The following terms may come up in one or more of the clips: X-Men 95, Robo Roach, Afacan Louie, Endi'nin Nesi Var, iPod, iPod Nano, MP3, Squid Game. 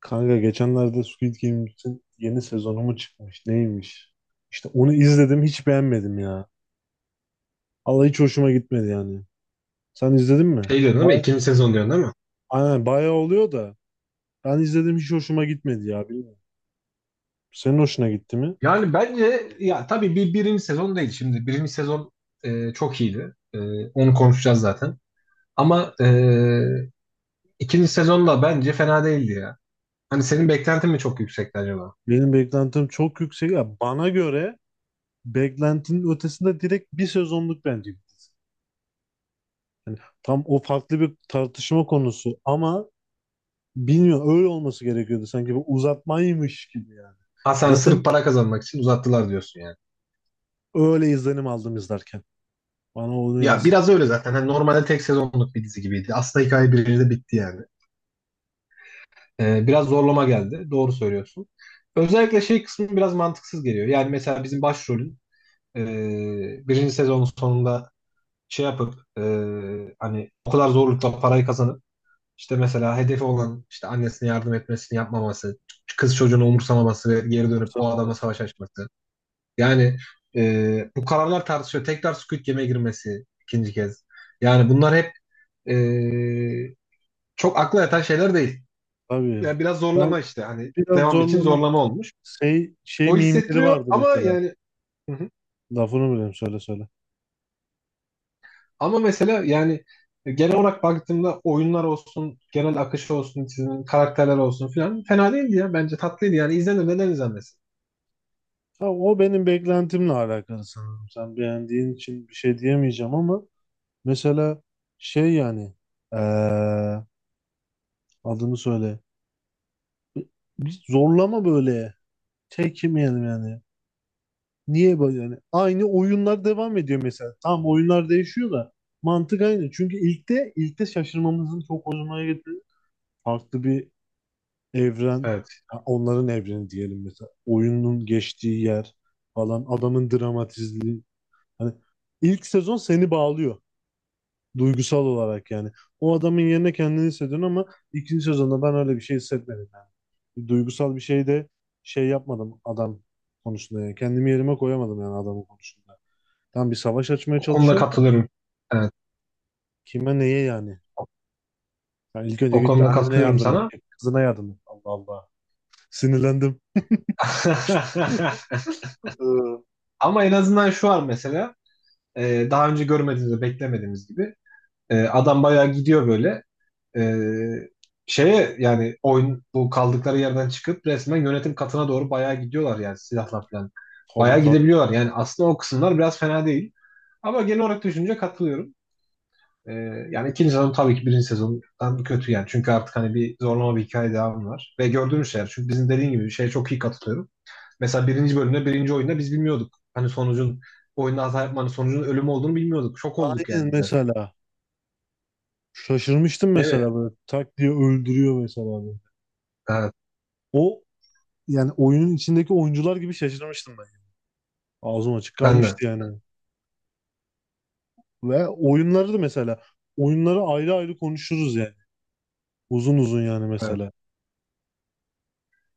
Kanka geçenlerde Squid Game'in yeni sezonu mu çıkmış? Neymiş? İşte onu izledim, hiç beğenmedim ya. Allah, hiç hoşuma gitmedi yani. Sen izledin mi? Şey diyorsun değil mi? Bay İkinci sezon diyorsun değil mi? Aynen, bayağı oluyor da ben izledim, hiç hoşuma gitmedi ya, bilmiyorum. Senin hoşuna gitti mi? Yani bence ya tabii birinci sezon değil şimdi. Birinci sezon çok iyiydi. Onu konuşacağız zaten. Ama ikinci sezon da bence fena değildi ya. Hani senin beklentin mi çok yüksekti acaba? Benim beklentim çok yüksek ya. Bana göre beklentinin ötesinde, direkt bir sezonluk bence. Yani tam o farklı bir tartışma konusu ama bilmiyorum, öyle olması gerekiyordu, sanki bu uzatmaymış gibi yani. Ha sen sırf Zaten para kazanmak için uzattılar diyorsun yani. öyle izlenim aldım izlerken. Bana onu Ya yansıttı. biraz öyle zaten. Hani normalde tek sezonluk bir dizi gibiydi. Aslında hikaye birinci bitti yani. Biraz zorlama geldi. Doğru söylüyorsun. Özellikle şey kısmı biraz mantıksız geliyor. Yani mesela bizim başrolün e, birinci sezonun sonunda şey yapıp hani o kadar zorlukla parayı kazanıp işte mesela hedefi olan işte annesine yardım etmesini yapmaması, kız çocuğunu umursamaması ve geri dönüp Sen o adama olmasın. savaş açması. Yani bu kararlar tartışıyor. Tekrar Squid Game'e girmesi ikinci kez. Yani bunlar hep e, çok akla yatan şeyler değil. Tabii. Yani biraz Ben zorlama işte hani biraz devam için zorlama. zorlama olmuş. Şey, şey O mimleri hissettiriyor vardı ama mesela. yani. Hı hı. Lafını bileyim, söyle söyle. Ama mesela yani genel olarak baktığımda oyunlar olsun, genel akışı olsun, çizim, karakterler olsun filan fena değildi ya. Bence tatlıydı yani. İzlenir neden izlenmesin? Ha, o benim beklentimle alakalı sanırım. Sen beğendiğin için bir şey diyemeyeceğim ama mesela şey yani eee, adını söyle. Bir, bir zorlama böyle. Çekinmeyelim yani. Niye böyle yani? Aynı oyunlar devam ediyor mesela. Tamam, oyunlar değişiyor da mantık aynı. Çünkü ilkte şaşırmamızın çok hoşuma gitti. Farklı bir evren, Evet. ha, onların evreni diyelim mesela. Oyunun geçtiği yer falan, adamın dramatizliği. Hani ilk sezon seni bağlıyor duygusal olarak yani. O adamın yerine kendini hissediyorsun ama ikinci sezonda ben öyle bir şey hissetmedim yani. Duygusal bir şey de şey yapmadım adam konusunda yani. Kendimi yerime koyamadım yani adamın konusunda. Tam bir savaş açmaya O konuda çalışıyorsun da katılıyorum. Evet. kime neye yani? Yani ilk önce O git bir konuda annene katılıyorum yardım sana. edecek, kızına yardım et. Allah Allah. Sinirlendim. Ee, Ama en azından şu var mesela. Daha önce görmediğimiz, beklemediğimiz gibi. E, adam bayağı gidiyor böyle. Ee, Şeye yani oyun bu kaldıkları yerden çıkıp resmen yönetim katına doğru bayağı gidiyorlar yani silahla falan. Tabii Bayağı tabii. gidebiliyorlar. Yani aslında o kısımlar biraz fena değil. Ama genel olarak düşünce katılıyorum. Ee, Yani ikinci sezon tabii ki birinci sezondan kötü yani. Çünkü artık hani bir zorlama bir hikaye devamı var. Ve gördüğümüz şeyler. Çünkü bizim dediğin gibi şeye çok iyi katılıyorum. Mesela birinci bölümde birinci oyunda biz bilmiyorduk. Hani sonucun oyunda hata yapmanın sonucunun ölüm olduğunu bilmiyorduk. Şok olduk yani Aynen izlerken. mesela. Şaşırmıştım Değil mi? mesela, böyle tak diye öldürüyor mesela böyle. Evet, O yani oyunun içindeki oyuncular gibi şaşırmıştım ben. Ağzım açık ben de. kalmıştı yani. Ve oyunları da mesela, oyunları ayrı ayrı konuşuruz yani. Uzun uzun yani Evet. mesela.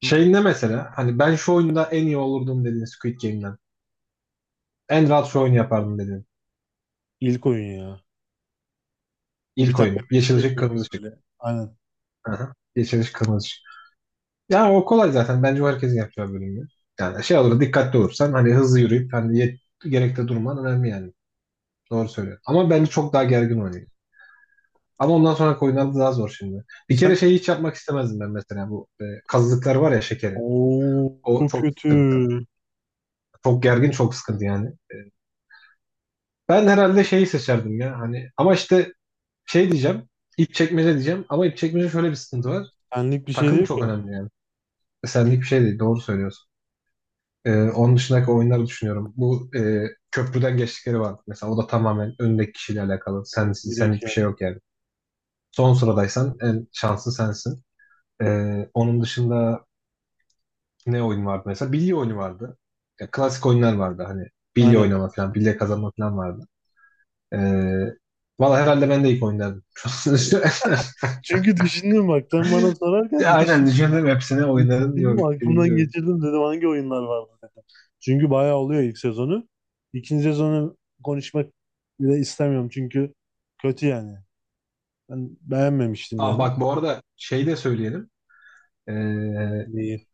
Şey ne mesela? Hani ben şu oyunda en iyi olurdum dediğin Squid Game'den. En rahat şu oyunu yapardım dediğin. İlk oyun ya. Bu bir İlk tane oyun. bebek var Yeşil ya, ışık, dönüyor kırmızı ışık. böyle. Aynen. Aha. Yeşil ışık, kırmızı ışık. Yani o kolay zaten. Bence o herkesin yapacağı bölümü. Yani şey olur, dikkatli olursan hani hızlı yürüyüp hani gerekte durman önemli yani. Doğru söylüyorsun. Ama bence çok daha gergin oynuyor. Ama ondan sonra oyunlar da daha zor şimdi. Bir kere Sen şeyi hiç yapmak istemezdim ben mesela. Bu kazıklar var ya şekeri. Oo, O çok çok kötü. sıkıntı. Çok gergin, çok sıkıntı yani. Ben herhalde şeyi seçerdim ya. Hani ama işte şey diyeceğim. İp çekmece diyeceğim. Ama ip çekmece şöyle bir sıkıntı var. Senlik bir şey Takım değil çok ki o. önemli yani. Senlik bir şey değil. Doğru söylüyorsun. Onun dışındaki oyunları düşünüyorum. Bu köprüden geçtikleri var. Mesela o da tamamen öndeki kişiyle alakalı. O direkt Senlik bir yani. şey yok yani. Son sıradaysan en şanslı sensin. Onun dışında ne oyun vardı mesela? Bilye oyunu vardı. Ya, klasik oyunlar vardı. Hani bilye Aynen. oynama falan, bilye kazanma falan vardı. Ee, Valla herhalde ben de ilk oyun derdim. Çünkü düşündüm, bak sen bana sorarken Ya aynen düşün, düşündüm hepsine oyunların yok düşündüm, aklımdan birinci oyun. geçirdim, dedim hangi oyunlar vardı dedim. Çünkü bayağı oluyor ilk sezonu. İkinci sezonu konuşmak bile istemiyorum çünkü kötü yani. Ben beğenmemiştim Aa yani. bak bu arada şey de söyleyelim. Ee, Neyi?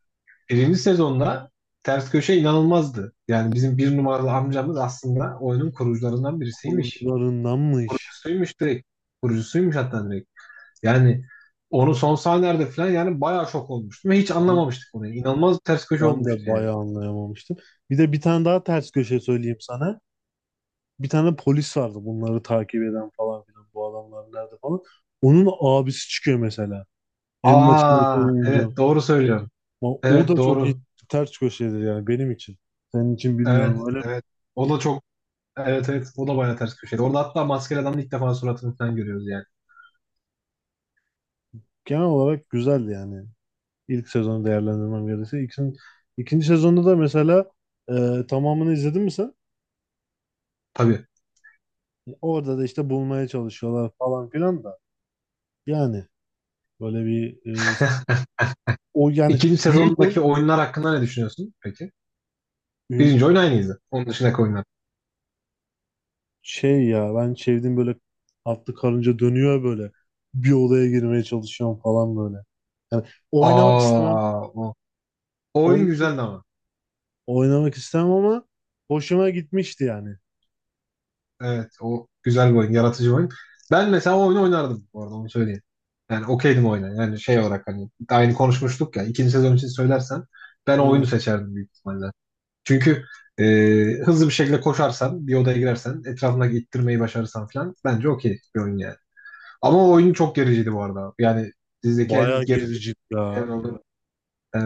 Birinci sezonda ters köşe inanılmazdı. Yani bizim bir numaralı amcamız aslında oyunun kurucularından birisiymiş. Kurucularındanmış. Kurucusuymuş direkt. Kurucusuymuş hatta direkt. Yani onu son sahnelerde falan yani bayağı şok olmuştum ve hiç Ben, anlamamıştık onu. İnanılmaz bir ters köşe ben de olmuştu yani. bayağı anlayamamıştım. Bir de bir tane daha ters köşe söyleyeyim sana. Bir tane polis vardı, bunları takip eden falan filan, bu adamlar nerede falan. Onun abisi çıkıyor mesela. En başında Aa oynayınca. evet doğru söylüyorum. Ama o Evet da çok iyi doğru. ters köşedir yani benim için. Senin için Evet, bilmiyorum. Öyle evet. O da çok evet, evet o da bayağı ters köşeydi. Orada hatta maskeli adamın ilk defa suratını falan görüyoruz yani. genel olarak güzeldi yani. İlk sezonu değerlendirmem gerekirse. İkinci sezonda da mesela tamamını izledin mi sen? Tabii. Orada da işte bulmaya çalışıyorlar falan filan da. Yani böyle bir e, o yani İkinci büyük sezondaki oy. oyunlar hakkında ne düşünüyorsun peki? Birinci oyun aynıydı. Onun dışındaki oyunlar. Şey ya, ben çevirdim böyle, atlı karınca dönüyor böyle. Bir odaya girmeye çalışıyorum falan böyle. Yani oynamak istemem. Aa, o oyun Oyn güzeldi ama. oynamak istemem ama hoşuma gitmişti yani. Evet o güzel bir oyun. Yaratıcı bir oyun. Ben mesela o oyunu oynardım bu arada onu söyleyeyim. Yani okeydim oyuna. Yani şey olarak hani aynı konuşmuştuk ya. İkinci sezon için söylersen ben o oyunu Aynen. seçerdim büyük ihtimalle. Çünkü e, hızlı bir şekilde koşarsan, bir odaya girersen, etrafındaki ittirmeyi başarırsan falan bence okey bir oyun yani. Ama o oyun çok gericiydi bu arada. Yani dizideki en Bayağı gerici gericik en ya. oldu.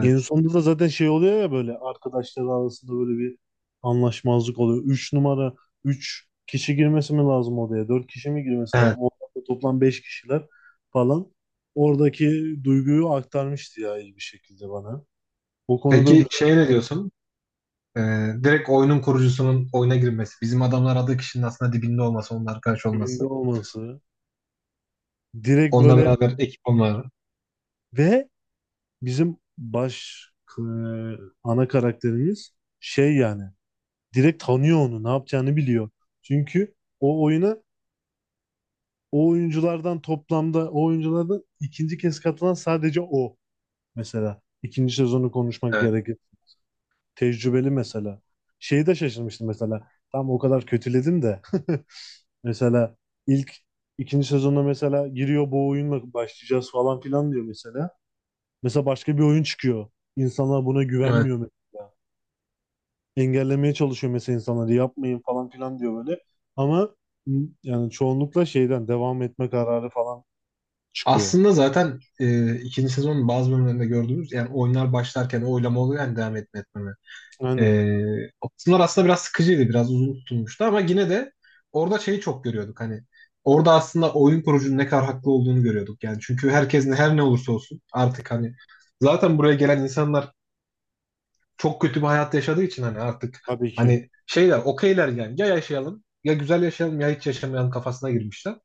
En sonunda da zaten şey oluyor ya, böyle arkadaşlar arasında böyle bir anlaşmazlık oluyor. Üç numara, üç kişi girmesi mi lazım odaya? Dört kişi mi girmesi lazım? Evet. Orada toplam beş kişiler falan. Oradaki duyguyu aktarmıştı ya iyi bir şekilde bana. O konuda Peki güzel şeye ne diyorsun? Ee, Direkt oyunun kurucusunun oyuna girmesi. Bizim adamlar adı kişinin aslında dibinde olması, onun arkadaş olması. dibinde olması. Direkt Onunla böyle beraber ekip olmaları. ve bizim baş e, ana karakterimiz şey yani direkt tanıyor onu, ne yapacağını biliyor. Çünkü o oyuna o oyunculardan toplamda o oyunculardan ikinci kez katılan sadece o mesela. İkinci sezonu konuşmak Evet. gerekir. Tecrübeli mesela. Şeyi de şaşırmıştım mesela. Tam o kadar kötüledim de. Mesela ilk ikinci sezonda mesela giriyor, bu oyunla başlayacağız falan filan diyor mesela. Mesela başka bir oyun çıkıyor. İnsanlar buna Evet. güvenmiyor mesela. Engellemeye çalışıyor mesela insanları, yapmayın falan filan diyor böyle. Ama yani çoğunlukla şeyden devam etme kararı falan çıkıyor. Aslında zaten ikinci sezonun bazı bölümlerinde gördüğümüz yani oyunlar başlarken o oylama oluyor yani devam etme etmeme. Aynen. Ee, O kısımlar aslında biraz sıkıcıydı, biraz uzun tutulmuştu ama yine de orada şeyi çok görüyorduk hani. Orada aslında oyun kurucunun ne kadar haklı olduğunu görüyorduk yani. Çünkü herkes ne, her ne olursa olsun artık hani zaten buraya gelen insanlar çok kötü bir hayat yaşadığı için hani artık Tabii ki. hani şeyler okeyler yani ya yaşayalım ya güzel yaşayalım ya hiç yaşamayalım kafasına girmişler.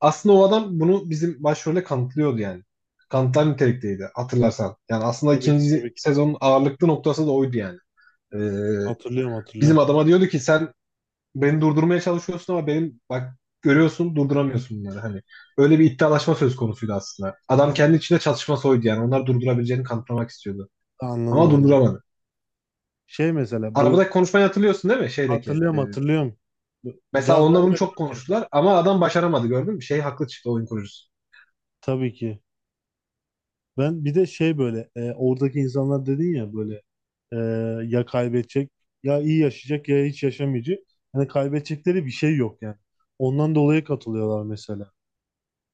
Aslında o adam bunu bizim başrolde kanıtlıyordu yani. Kanıtlar nitelikteydi hatırlarsan. Yani aslında Tabii ki, ikinci tabii ki. sezonun ağırlıklı noktası da oydu yani. Ee, Hatırlıyorum, Bizim hatırlıyorum. adama diyordu ki sen beni durdurmaya çalışıyorsun ama benim bak görüyorsun durduramıyorsun bunları hani. Öyle bir iddialaşma söz konusuydu aslında. Adam kendi içinde çatışma soydu yani. Onlar durdurabileceğini kanıtlamak istiyordu. Anladım, Ama anladım. durduramadı. Şey mesela bu Arabadaki konuşmayı hatırlıyorsun değil mi? Şeydeki. hatırlıyorum, hatırlıyorum. Mesela Gaz onunla bunu vermeden çok önce. konuştular ama adam başaramadı gördün mü? Şey haklı çıktı oyun kurucusu. Tabii ki. Ben bir de şey böyle oradaki insanlar dedin ya böyle e, ya kaybedecek, ya iyi yaşayacak, ya hiç yaşamayacak. Hani kaybedecekleri bir şey yok yani. Ondan dolayı katılıyorlar mesela.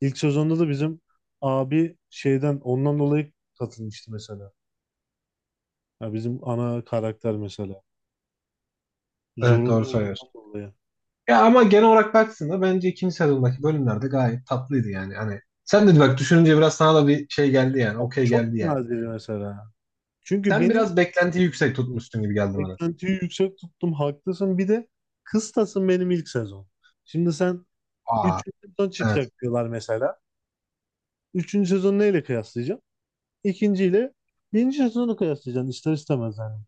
İlk sezonda da bizim abi şeyden ondan dolayı katılmıştı mesela. Ya bizim ana karakter mesela. Evet Zorunlu doğru olduğundan söylüyorsun. dolayı. Ya ama genel olarak baktığında bence ikinci sezondaki bölümlerde gayet tatlıydı yani. Hani sen dedi bak düşününce biraz sana da bir şey geldi yani. Abi Okey geldi çok yani. nadir mesela. Çünkü Sen benim biraz beklentiyi yüksek tutmuşsun gibi geldi bana. beklentiyi yüksek tuttum, haklısın. Bir de kıstasın benim ilk sezon. Şimdi sen Aa, 3. sezon evet. çıkacak diyorlar mesela. Üçüncü sezonu neyle kıyaslayacaksın? İkinciyle birinci sezonu kıyaslayacaksın ister istemez yani.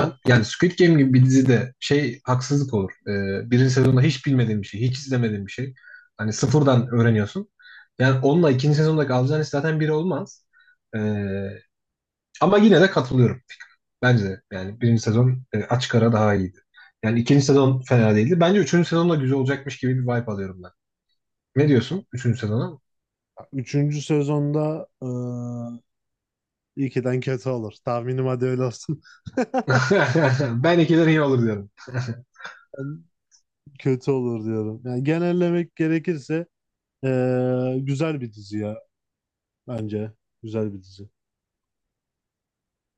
Ben yani Squid Game gibi bir dizide şey haksızlık olur. Birinci sezonda hiç bilmediğin bir şey, hiç izlemediğin bir şey. Hani sıfırdan öğreniyorsun. Yani onunla ikinci sezondaki alacağın iş zaten biri olmaz. Ee, Ama yine de katılıyorum. Bence de yani birinci sezon açık ara daha iyiydi. Yani ikinci sezon fena değildi. Bence üçüncü sezon da güzel olacakmış gibi bir vibe alıyorum ben. Ne diyorsun üçüncü sezona? üçüncü sezonda ilkiden kötü olur. Tahminim, hadi öyle olsun. Ben ikiler iyi olur diyorum. Ben kötü olur diyorum. Yani genellemek gerekirse güzel bir dizi ya bence. Güzel bir dizi.